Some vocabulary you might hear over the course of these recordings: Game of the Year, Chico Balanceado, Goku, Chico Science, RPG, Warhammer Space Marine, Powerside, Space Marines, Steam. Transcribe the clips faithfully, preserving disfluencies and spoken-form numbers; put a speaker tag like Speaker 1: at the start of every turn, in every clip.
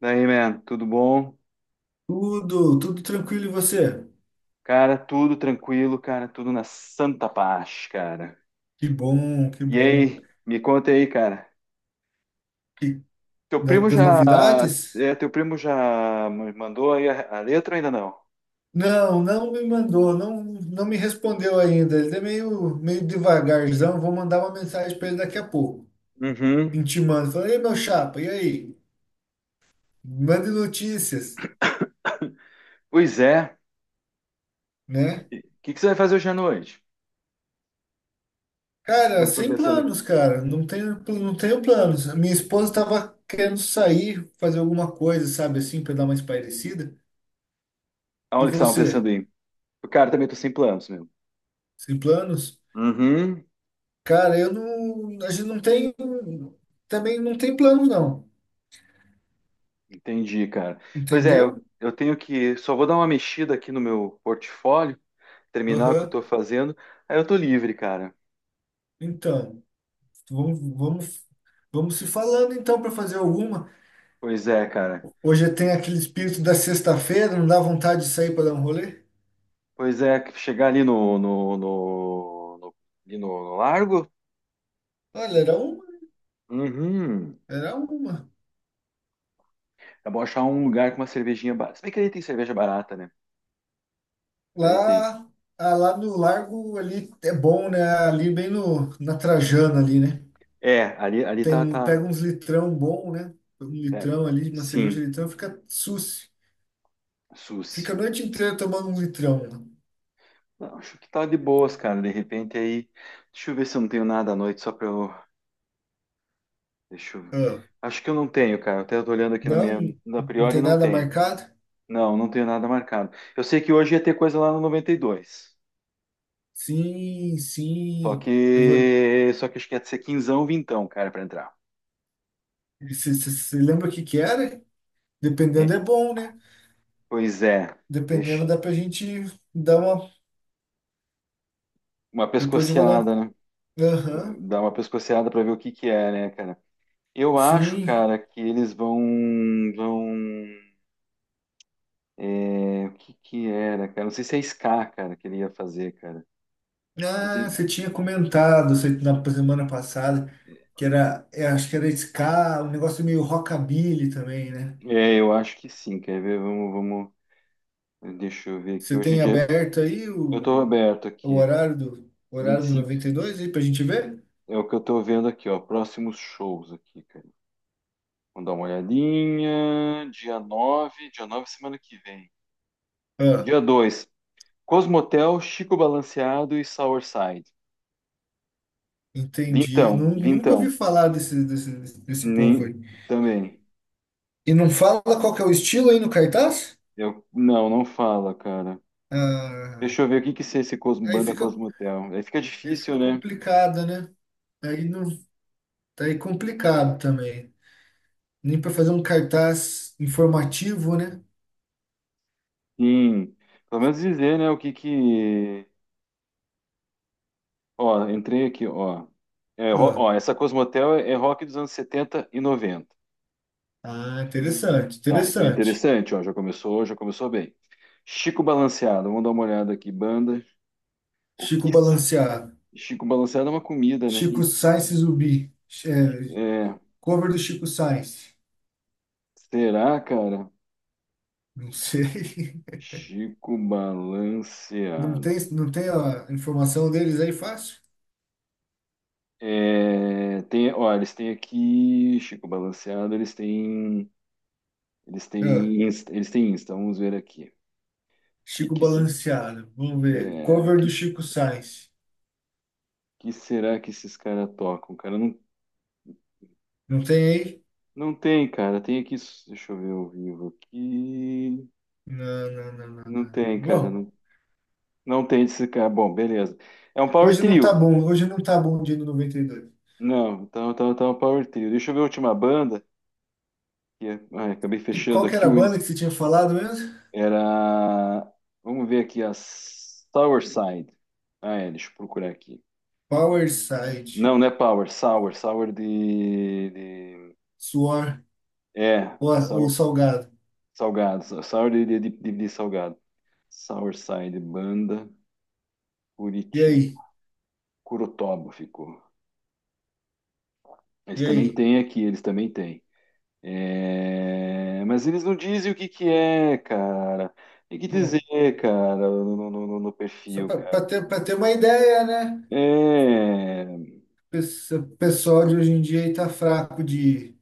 Speaker 1: Daí, man, tudo bom?
Speaker 2: Tudo, tudo tranquilo e você?
Speaker 1: Cara, tudo tranquilo, cara, tudo na santa paz, cara.
Speaker 2: Que bom, que
Speaker 1: E
Speaker 2: bom.
Speaker 1: aí, me conta aí, cara.
Speaker 2: que
Speaker 1: Teu
Speaker 2: da-
Speaker 1: primo
Speaker 2: Das
Speaker 1: já,
Speaker 2: novidades?
Speaker 1: é, teu primo já me mandou aí a, a letra ou ainda não?
Speaker 2: Não, não me mandou, não, não me respondeu ainda. Ele é meio, meio devagarzão. Vou mandar uma mensagem para ele daqui a pouco,
Speaker 1: Uhum.
Speaker 2: intimando. Falando, ei, meu chapa, e aí? Mande notícias,
Speaker 1: Pois é.
Speaker 2: né?
Speaker 1: O que que você vai fazer hoje à noite? O que que vocês
Speaker 2: Cara,
Speaker 1: estão
Speaker 2: sem
Speaker 1: pensando?
Speaker 2: planos,
Speaker 1: em-
Speaker 2: cara. Não tenho, não tenho planos. A minha esposa estava querendo sair, fazer alguma coisa, sabe assim, para dar uma espairecida. E
Speaker 1: Aonde que vocês estavam pensando
Speaker 2: você?
Speaker 1: em? Cara, também tô sem planos, meu.
Speaker 2: Sem planos?
Speaker 1: Uhum.
Speaker 2: Cara, eu não. A gente não tem. Também não tem plano, não.
Speaker 1: Entendi, cara. Pois é, eu,
Speaker 2: Entendeu?
Speaker 1: eu tenho que. Só vou dar uma mexida aqui no meu portfólio, terminar o que eu
Speaker 2: Aham.
Speaker 1: tô fazendo, aí eu tô livre, cara.
Speaker 2: Então, vamos, vamos, vamos se falando então para fazer alguma.
Speaker 1: Pois é, cara.
Speaker 2: Hoje tem aquele espírito da sexta-feira, não dá vontade de sair para dar um rolê?
Speaker 1: Pois é, que chegar ali no, no, no, no- ali no, no largo.
Speaker 2: Olha, era uma,
Speaker 1: Uhum.
Speaker 2: era uma.
Speaker 1: É bom achar um lugar com uma cervejinha barata. Se bem que ali tem cerveja barata, né? Ali tem.
Speaker 2: Lá, ah, lá no Largo ali é bom, né? Ali bem no, na Trajana ali, né?
Speaker 1: É, ali, ali
Speaker 2: Tem
Speaker 1: tá,
Speaker 2: um,
Speaker 1: tá.
Speaker 2: pega uns litrão bom, né? Um
Speaker 1: é,
Speaker 2: litrão ali, uma cerveja
Speaker 1: Sim,
Speaker 2: litrão, fica susse.
Speaker 1: Suzy.
Speaker 2: Fica a noite inteira tomando um litrão, né?
Speaker 1: Não, acho que tá de boas, cara. De repente aí. Deixa eu ver se eu não tenho nada à noite, só pra eu. Deixa eu.
Speaker 2: Ah,
Speaker 1: Acho que eu não tenho, cara. Até eu tô olhando aqui na
Speaker 2: não,
Speaker 1: minha. Na
Speaker 2: não
Speaker 1: priori
Speaker 2: tem
Speaker 1: não
Speaker 2: nada
Speaker 1: tenho.
Speaker 2: marcado?
Speaker 1: Não, não tenho nada marcado. Eu sei que hoje ia ter coisa lá no noventa e dois.
Speaker 2: Sim,
Speaker 1: Só
Speaker 2: sim. Eu vou.
Speaker 1: que. Só que acho que ia ser quinzão, vintão, cara, pra entrar.
Speaker 2: Você lembra o que que era? Dependendo é
Speaker 1: É.
Speaker 2: bom, né?
Speaker 1: Pois é.
Speaker 2: Dependendo
Speaker 1: Deixa.
Speaker 2: dá pra gente dar uma.
Speaker 1: Uma
Speaker 2: Depois eu vou dar.
Speaker 1: pescoceada, né?
Speaker 2: Aham,
Speaker 1: Dá uma pescoceada pra ver o que que é, né, cara? Eu acho,
Speaker 2: sim.
Speaker 1: cara, que eles vão. Vão. é, O que que era, cara? Não sei se é Ska, cara, que ele ia fazer, cara. Não sei
Speaker 2: Ah, você
Speaker 1: se-
Speaker 2: tinha comentado cê- na semana passada que era. é, acho que era ska, um negócio meio rockabilly também, né?
Speaker 1: É, é, eu acho que sim. Quer ver? Vamos, vamos. Deixa eu ver aqui.
Speaker 2: Você
Speaker 1: Hoje em
Speaker 2: tem
Speaker 1: dia.
Speaker 2: aberto aí
Speaker 1: Eu tô
Speaker 2: o,
Speaker 1: aberto
Speaker 2: o
Speaker 1: aqui.
Speaker 2: horário do, o
Speaker 1: Vinte e
Speaker 2: horário do
Speaker 1: cinco.
Speaker 2: noventa e dois aí pra gente ver?
Speaker 1: É o que eu tô vendo aqui, ó. Próximos shows aqui, cara. Vamos dar uma olhadinha. Dia nove, dia nove semana que vem.
Speaker 2: Ah,
Speaker 1: Dia dois. Cosmotel, Chico Balanceado e Sourside.
Speaker 2: entendi.
Speaker 1: Vintão,
Speaker 2: Nu- Nunca ouvi
Speaker 1: vintão.
Speaker 2: falar desse, desse, desse povo aí.
Speaker 1: Nem também.
Speaker 2: E não fala qual que é o estilo aí no cartaz?
Speaker 1: Eu não, não fala, cara.
Speaker 2: Ah,
Speaker 1: Deixa eu ver o que que é esse Cosmo,
Speaker 2: aí
Speaker 1: banda
Speaker 2: fica,
Speaker 1: Cosmotel. Aí fica
Speaker 2: aí
Speaker 1: difícil,
Speaker 2: fica
Speaker 1: né?
Speaker 2: complicado, né? Aí não, tá aí complicado também. Nem para fazer um cartaz informativo, né?
Speaker 1: Sim. Pelo menos dizer, né, o que que. Ó, entrei aqui, ó. É, ro-
Speaker 2: Ah,
Speaker 1: ó, essa Cosmotel é é rock dos anos setenta e noventa.
Speaker 2: ah, interessante,
Speaker 1: Tá, então é
Speaker 2: interessante.
Speaker 1: interessante, ó, já começou, já começou bem. Chico Balanceado, vamos dar uma olhada aqui, banda. O
Speaker 2: Chico
Speaker 1: que s-
Speaker 2: Balanceado.
Speaker 1: Chico Balanceado é uma comida, né?
Speaker 2: Chico
Speaker 1: E,
Speaker 2: Science Zumbi. É,
Speaker 1: é,
Speaker 2: cover do Chico Science.
Speaker 1: será, cara?
Speaker 2: Não sei.
Speaker 1: Chico
Speaker 2: Não
Speaker 1: Balanceado.
Speaker 2: tem, não tem a informação deles aí fácil?
Speaker 1: É, tem, ó, eles têm aqui Chico Balanceado, eles têm, eles
Speaker 2: Ah.
Speaker 1: têm, Insta- eles têm Insta. Vamos ver aqui. Que
Speaker 2: Chico
Speaker 1: que se-
Speaker 2: Balanceado. Vamos ver.
Speaker 1: é,
Speaker 2: Cover do
Speaker 1: que,
Speaker 2: Chico Sainz.
Speaker 1: que será que esses caras tocam? Cara, não,
Speaker 2: Não tem aí?
Speaker 1: não tem, cara. Tem aqui, deixa eu ver ao vivo aqui.
Speaker 2: Não, não, não, não,
Speaker 1: Não
Speaker 2: não. não.
Speaker 1: tem, cara.
Speaker 2: Bom,
Speaker 1: Não, não tem esse cara. Bom, beleza. É um power
Speaker 2: hoje não tá
Speaker 1: trio.
Speaker 2: bom. Hoje não tá bom o dia do noventa e dois. E dois.
Speaker 1: Não, então tá, tá tá um power trio. Deixa eu ver a última banda. Que é- ai, acabei
Speaker 2: E qual
Speaker 1: fechando
Speaker 2: que
Speaker 1: aqui
Speaker 2: era a
Speaker 1: o Insta.
Speaker 2: banda que você tinha falado mesmo?
Speaker 1: Era. Vamos ver aqui a Sour Side. Ah, é, deixa eu procurar aqui.
Speaker 2: Powerside.
Speaker 1: Não, não é Power, Sour, Sour de, de-
Speaker 2: Suor
Speaker 1: é,
Speaker 2: ou, ou
Speaker 1: Sour,
Speaker 2: Salgado.
Speaker 1: salgado, Sour de, de, de, de salgado. Sour Side, banda,
Speaker 2: E
Speaker 1: Curitiba.
Speaker 2: aí?
Speaker 1: Curutoba ficou. Eles
Speaker 2: E
Speaker 1: também
Speaker 2: aí?
Speaker 1: têm aqui, eles também têm. É, mas eles não dizem o que que é, cara. Tem que dizer,
Speaker 2: Bom,
Speaker 1: cara, no, no- no- no
Speaker 2: só
Speaker 1: perfil, cara.
Speaker 2: para ter, para ter uma ideia, né?
Speaker 1: É,
Speaker 2: Pes- O pessoal de hoje em dia aí tá fraco de,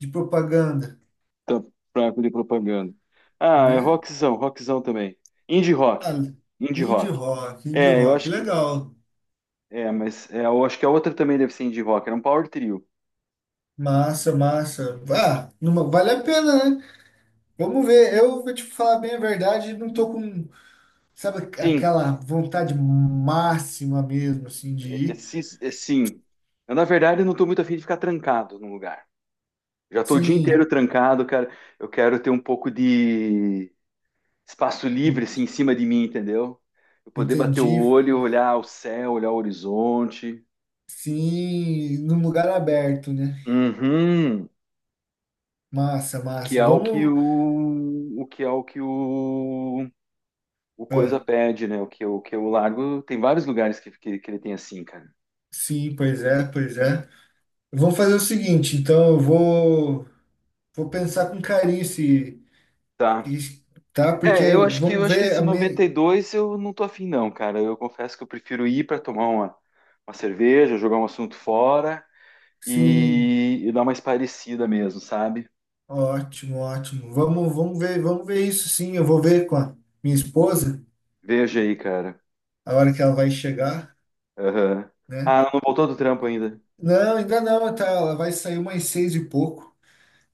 Speaker 2: de propaganda,
Speaker 1: tá, fraco de propaganda. Ah, é
Speaker 2: né?
Speaker 1: rockzão, rockzão também. Indie rock,
Speaker 2: Ah,
Speaker 1: indie
Speaker 2: indie
Speaker 1: rock.
Speaker 2: rock, indie
Speaker 1: É, eu
Speaker 2: rock.
Speaker 1: acho que,
Speaker 2: Legal.
Speaker 1: é, mas é, eu acho que a outra também deve ser indie rock. Era um power trio.
Speaker 2: Massa, massa. Ah, numa, vale a pena, né? Vamos ver. Eu vou te falar bem a verdade, não tô com, sabe,
Speaker 1: Sim,
Speaker 2: aquela vontade máxima mesmo, assim, de
Speaker 1: é, é,
Speaker 2: ir.
Speaker 1: sis- é, sim. Eu, na verdade, eu não estou muito afim de ficar trancado num lugar. Já estou o dia inteiro
Speaker 2: Sim,
Speaker 1: trancado, cara. Eu quero ter um pouco de espaço livre
Speaker 2: en-
Speaker 1: assim em cima de mim, entendeu? Eu poder bater o
Speaker 2: entendi.
Speaker 1: olho, olhar o céu, olhar o horizonte.
Speaker 2: Sim, num lugar aberto, né?
Speaker 1: Uhum.
Speaker 2: Massa,
Speaker 1: Que
Speaker 2: massa.
Speaker 1: é o que
Speaker 2: Vamos.
Speaker 1: o, o que é o que o, o coisa
Speaker 2: Ah,
Speaker 1: pede, né? O que o que o largo. Tem vários lugares que, que, que ele tem assim, cara.
Speaker 2: sim, pois é, pois é. Vamos fazer o seguinte, então eu vou, vou pensar com carinho se,
Speaker 1: Tá.
Speaker 2: se- tá? Porque
Speaker 1: É, eu acho que eu
Speaker 2: vamos
Speaker 1: acho que
Speaker 2: ver
Speaker 1: esse
Speaker 2: a
Speaker 1: noventa
Speaker 2: minha.
Speaker 1: e dois eu não tô afim não, cara. Eu confesso que eu prefiro ir para tomar uma, uma cerveja, jogar um assunto fora
Speaker 2: Sim,
Speaker 1: e, e dar uma espairecida mesmo, sabe?
Speaker 2: ótimo, ótimo. Vamos, vamos ver, vamos ver isso sim. Eu vou ver com a minha esposa
Speaker 1: Veja aí, cara.
Speaker 2: a hora que ela vai chegar,
Speaker 1: Aham.
Speaker 2: né?
Speaker 1: Ah, não voltou do trampo ainda.
Speaker 2: Não, ainda não, tá, ela vai sair umas seis e pouco.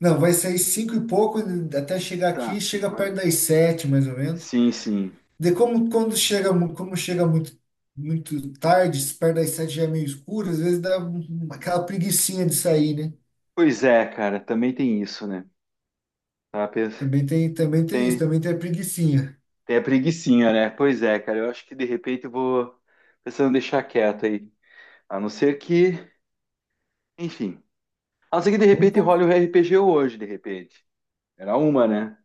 Speaker 2: Não, vai sair cinco e pouco até chegar aqui,
Speaker 1: Tá.
Speaker 2: chega perto das sete, mais ou menos.
Speaker 1: Sim, sim.
Speaker 2: De como quando chega, mu- como chega muito muito tarde, se perto das sete já é meio escuro, às vezes dá um- um, aquela preguicinha de sair, né?
Speaker 1: Pois é, cara, também tem isso, né? Tá, pens-
Speaker 2: Também tem, também tem isso,
Speaker 1: tem,
Speaker 2: também tem a preguicinha.
Speaker 1: tem a preguicinha, né? Pois é, cara, eu acho que de repente eu vou pensando em deixar quieto aí. A não ser que, enfim. A não ser que de
Speaker 2: Vamos,
Speaker 1: repente role
Speaker 2: con-
Speaker 1: o R P G hoje, de repente. Era uma, né?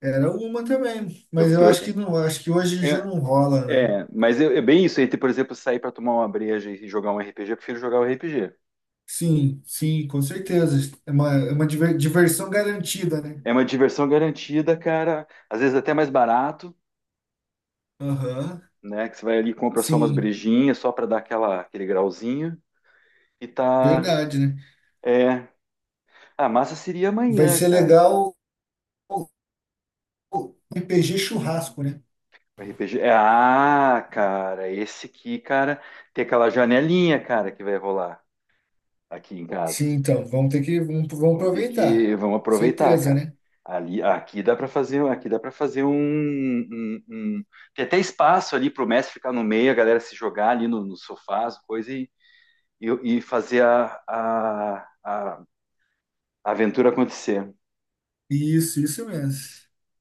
Speaker 2: Era uma também,
Speaker 1: Eu,
Speaker 2: mas eu
Speaker 1: eu-
Speaker 2: acho que não, acho que hoje já
Speaker 1: é,
Speaker 2: não rola, não.
Speaker 1: é, mas eu- é bem isso, entre, por exemplo, sair pra tomar uma breja e jogar um R P G, eu prefiro jogar o R P G.
Speaker 2: Sim, sim, com certeza. É uma, é uma diver- diversão garantida, né?
Speaker 1: É uma diversão garantida, cara. Às vezes até mais barato.
Speaker 2: Aham,
Speaker 1: Né? Que você vai ali e compra só umas
Speaker 2: sim,
Speaker 1: brejinhas, só para dar aquela, aquele grauzinho. E tá.
Speaker 2: verdade, né?
Speaker 1: É. Ah, massa seria
Speaker 2: Vai
Speaker 1: amanhã,
Speaker 2: ser
Speaker 1: cara.
Speaker 2: legal o o R P G churrasco, né?
Speaker 1: O R P G. É, ah, cara, esse aqui, cara, tem aquela janelinha, cara, que vai rolar aqui em
Speaker 2: Sim,
Speaker 1: casa.
Speaker 2: então, vamos ter que, vamos, vamos
Speaker 1: Vamos ter que.
Speaker 2: aproveitar.
Speaker 1: Vamos aproveitar,
Speaker 2: Certeza,
Speaker 1: cara.
Speaker 2: né?
Speaker 1: Ali, aqui dá para fazer, aqui dá para fazer um, um- um- tem até espaço ali para o mestre ficar no meio, a galera se jogar ali no, no sofá, as coisas e, e, e fazer a, a, a a aventura acontecer.
Speaker 2: Isso, isso mesmo.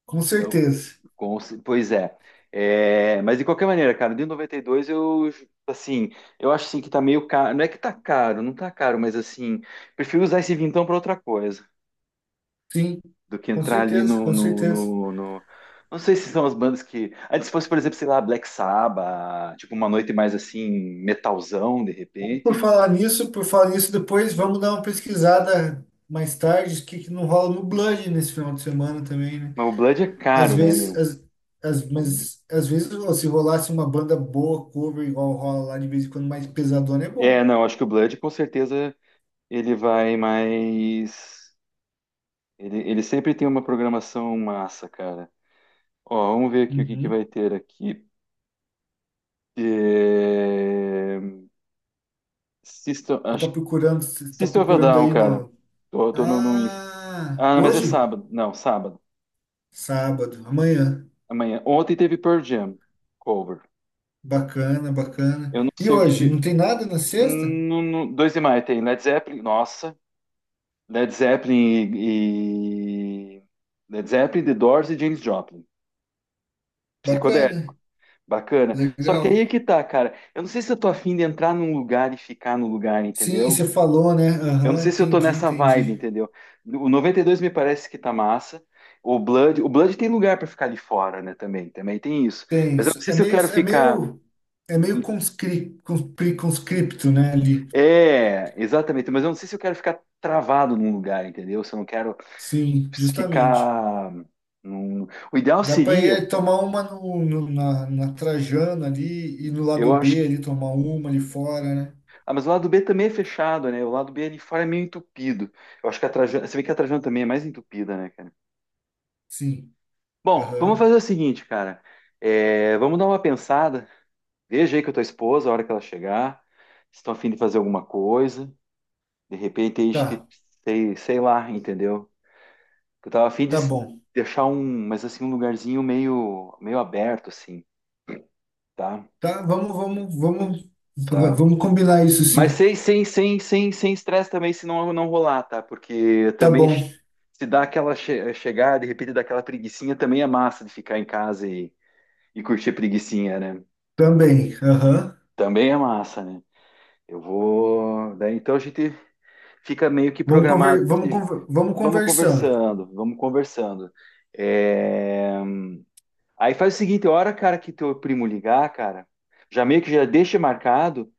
Speaker 2: Com
Speaker 1: Então,
Speaker 2: certeza.
Speaker 1: Com ce- pois é. É, mas de qualquer maneira, cara, de noventa e dois eu assim, eu acho assim que tá meio caro. Não é que tá caro, não tá caro, mas assim, prefiro usar esse vintão pra outra coisa
Speaker 2: Sim,
Speaker 1: do que
Speaker 2: com
Speaker 1: entrar ali
Speaker 2: certeza,
Speaker 1: no,
Speaker 2: com
Speaker 1: no,
Speaker 2: certeza.
Speaker 1: no, no- Não sei se são as bandas que. Antes fosse, por exemplo, sei lá, Black Sabbath, tipo uma noite mais assim, metalzão, de
Speaker 2: Por
Speaker 1: repente.
Speaker 2: falar nisso, por falar nisso, depois vamos dar uma pesquisada mais tarde, o que que não rola no Blood nesse final de semana também, né?
Speaker 1: Mas o Blood é
Speaker 2: Às
Speaker 1: caro, né,
Speaker 2: vezes,
Speaker 1: meu?
Speaker 2: às, às- mas às vezes ó, se rolasse uma banda boa, cover igual rola lá de vez em quando, mais pesadona é
Speaker 1: É,
Speaker 2: bom.
Speaker 1: não, acho que o Blood com certeza ele vai mais. Ele, ele sempre tem uma programação massa, cara. Ó, vamos ver aqui o que, que
Speaker 2: Uhum.
Speaker 1: vai ter aqui. É, System,
Speaker 2: Você tá
Speaker 1: acho... que-
Speaker 2: procurando, você tá
Speaker 1: System of a
Speaker 2: procurando
Speaker 1: Down,
Speaker 2: aí
Speaker 1: cara.
Speaker 2: no.
Speaker 1: Tô, tô no, no Insta.
Speaker 2: Ah,
Speaker 1: Ah, mas é
Speaker 2: hoje?
Speaker 1: sábado. Não, sábado.
Speaker 2: Sábado, amanhã.
Speaker 1: Amanhã. Ontem teve Pearl Jam cover.
Speaker 2: Bacana, bacana.
Speaker 1: Eu não
Speaker 2: E
Speaker 1: sei o que
Speaker 2: hoje?
Speaker 1: que...
Speaker 2: Não tem nada na sexta?
Speaker 1: No, no... dois de maio tem Led Zeppelin. Nossa. Led Zeppelin e... e- Led Zeppelin, The Doors e James Joplin. Psicodélico.
Speaker 2: Bacana,
Speaker 1: Bacana. Só que aí
Speaker 2: legal.
Speaker 1: é que tá, cara. Eu não sei se eu tô afim de entrar num lugar e ficar no lugar,
Speaker 2: Sim,
Speaker 1: entendeu?
Speaker 2: você falou, né?
Speaker 1: Eu não
Speaker 2: Aham,
Speaker 1: sei se eu tô
Speaker 2: entendi,
Speaker 1: nessa vibe,
Speaker 2: entendi.
Speaker 1: entendeu? O noventa e dois me parece que tá massa. O Blood, o Blood tem lugar pra ficar de fora, né? Também, também tem isso.
Speaker 2: Tem
Speaker 1: Mas eu não
Speaker 2: isso.
Speaker 1: sei
Speaker 2: É
Speaker 1: se eu
Speaker 2: meio,
Speaker 1: quero
Speaker 2: é
Speaker 1: ficar.
Speaker 2: meio, é meio conscri, conscri- conscripto, né, ali.
Speaker 1: É, exatamente. Mas eu não sei se eu quero ficar travado num lugar, entendeu? Se eu não quero
Speaker 2: Sim, justamente.
Speaker 1: ficar. num- O ideal
Speaker 2: Dá para ir
Speaker 1: seria,
Speaker 2: é, tomar uma no, no- na, na Trajano ali e no lado
Speaker 1: eu acho.
Speaker 2: B ali tomar uma ali fora, né?
Speaker 1: Ah, mas o lado B também é fechado, né? O lado B ali fora é meio entupido. Eu acho que a Trajano, você vê que a Trajano também é mais entupida, né, cara?
Speaker 2: Sim.
Speaker 1: Bom, vamos fazer
Speaker 2: Aham.
Speaker 1: o seguinte, cara. É, vamos dar uma pensada. Veja aí com a tua esposa a hora que ela chegar, se estão afim de fazer alguma coisa. De repente, aí, a gente,
Speaker 2: Tá,
Speaker 1: sei, sei lá, entendeu? Eu tava afim de
Speaker 2: tá
Speaker 1: s-
Speaker 2: bom.
Speaker 1: deixar um, mas assim, um lugarzinho meio, meio aberto, assim, tá?
Speaker 2: Tá, vamos, vamos, vamos,
Speaker 1: Tá.
Speaker 2: vamos combinar isso
Speaker 1: Mas
Speaker 2: sim.
Speaker 1: sem, sem, sem, sem, sem estresse também, se não, não rolar, tá? Porque
Speaker 2: Tá
Speaker 1: também che-
Speaker 2: bom,
Speaker 1: se dá aquela che chegar, de repente, daquela preguicinha, também é massa de ficar em casa e, e curtir a preguicinha, né?
Speaker 2: também. Aham.
Speaker 1: Também é massa, né? Eu vou. Daí, então a gente fica meio que
Speaker 2: Vamos
Speaker 1: programado
Speaker 2: conver, vamos,
Speaker 1: esses.
Speaker 2: conver- vamos
Speaker 1: Vamos
Speaker 2: conversando.
Speaker 1: conversando, vamos conversando. É. Aí faz o seguinte, a hora, cara, que teu primo ligar, cara, já meio que já deixa marcado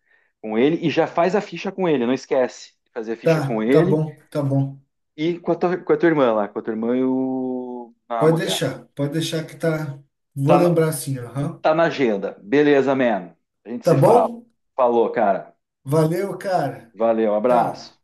Speaker 1: com ele e já faz a ficha com ele, não esquece. Fazer a ficha
Speaker 2: Tá,
Speaker 1: com
Speaker 2: tá
Speaker 1: ele
Speaker 2: bom, tá bom.
Speaker 1: e com a tua, com a tua irmã lá, com a tua irmã e o
Speaker 2: Pode
Speaker 1: amo dela.
Speaker 2: deixar, pode deixar que tá. Vou
Speaker 1: Tá na,
Speaker 2: lembrar sim, aham.
Speaker 1: tá na agenda. Beleza, man. A gente
Speaker 2: Tá
Speaker 1: se fala.
Speaker 2: bom?
Speaker 1: Falou, cara.
Speaker 2: Valeu, cara.
Speaker 1: Valeu, abraço.
Speaker 2: Tchau.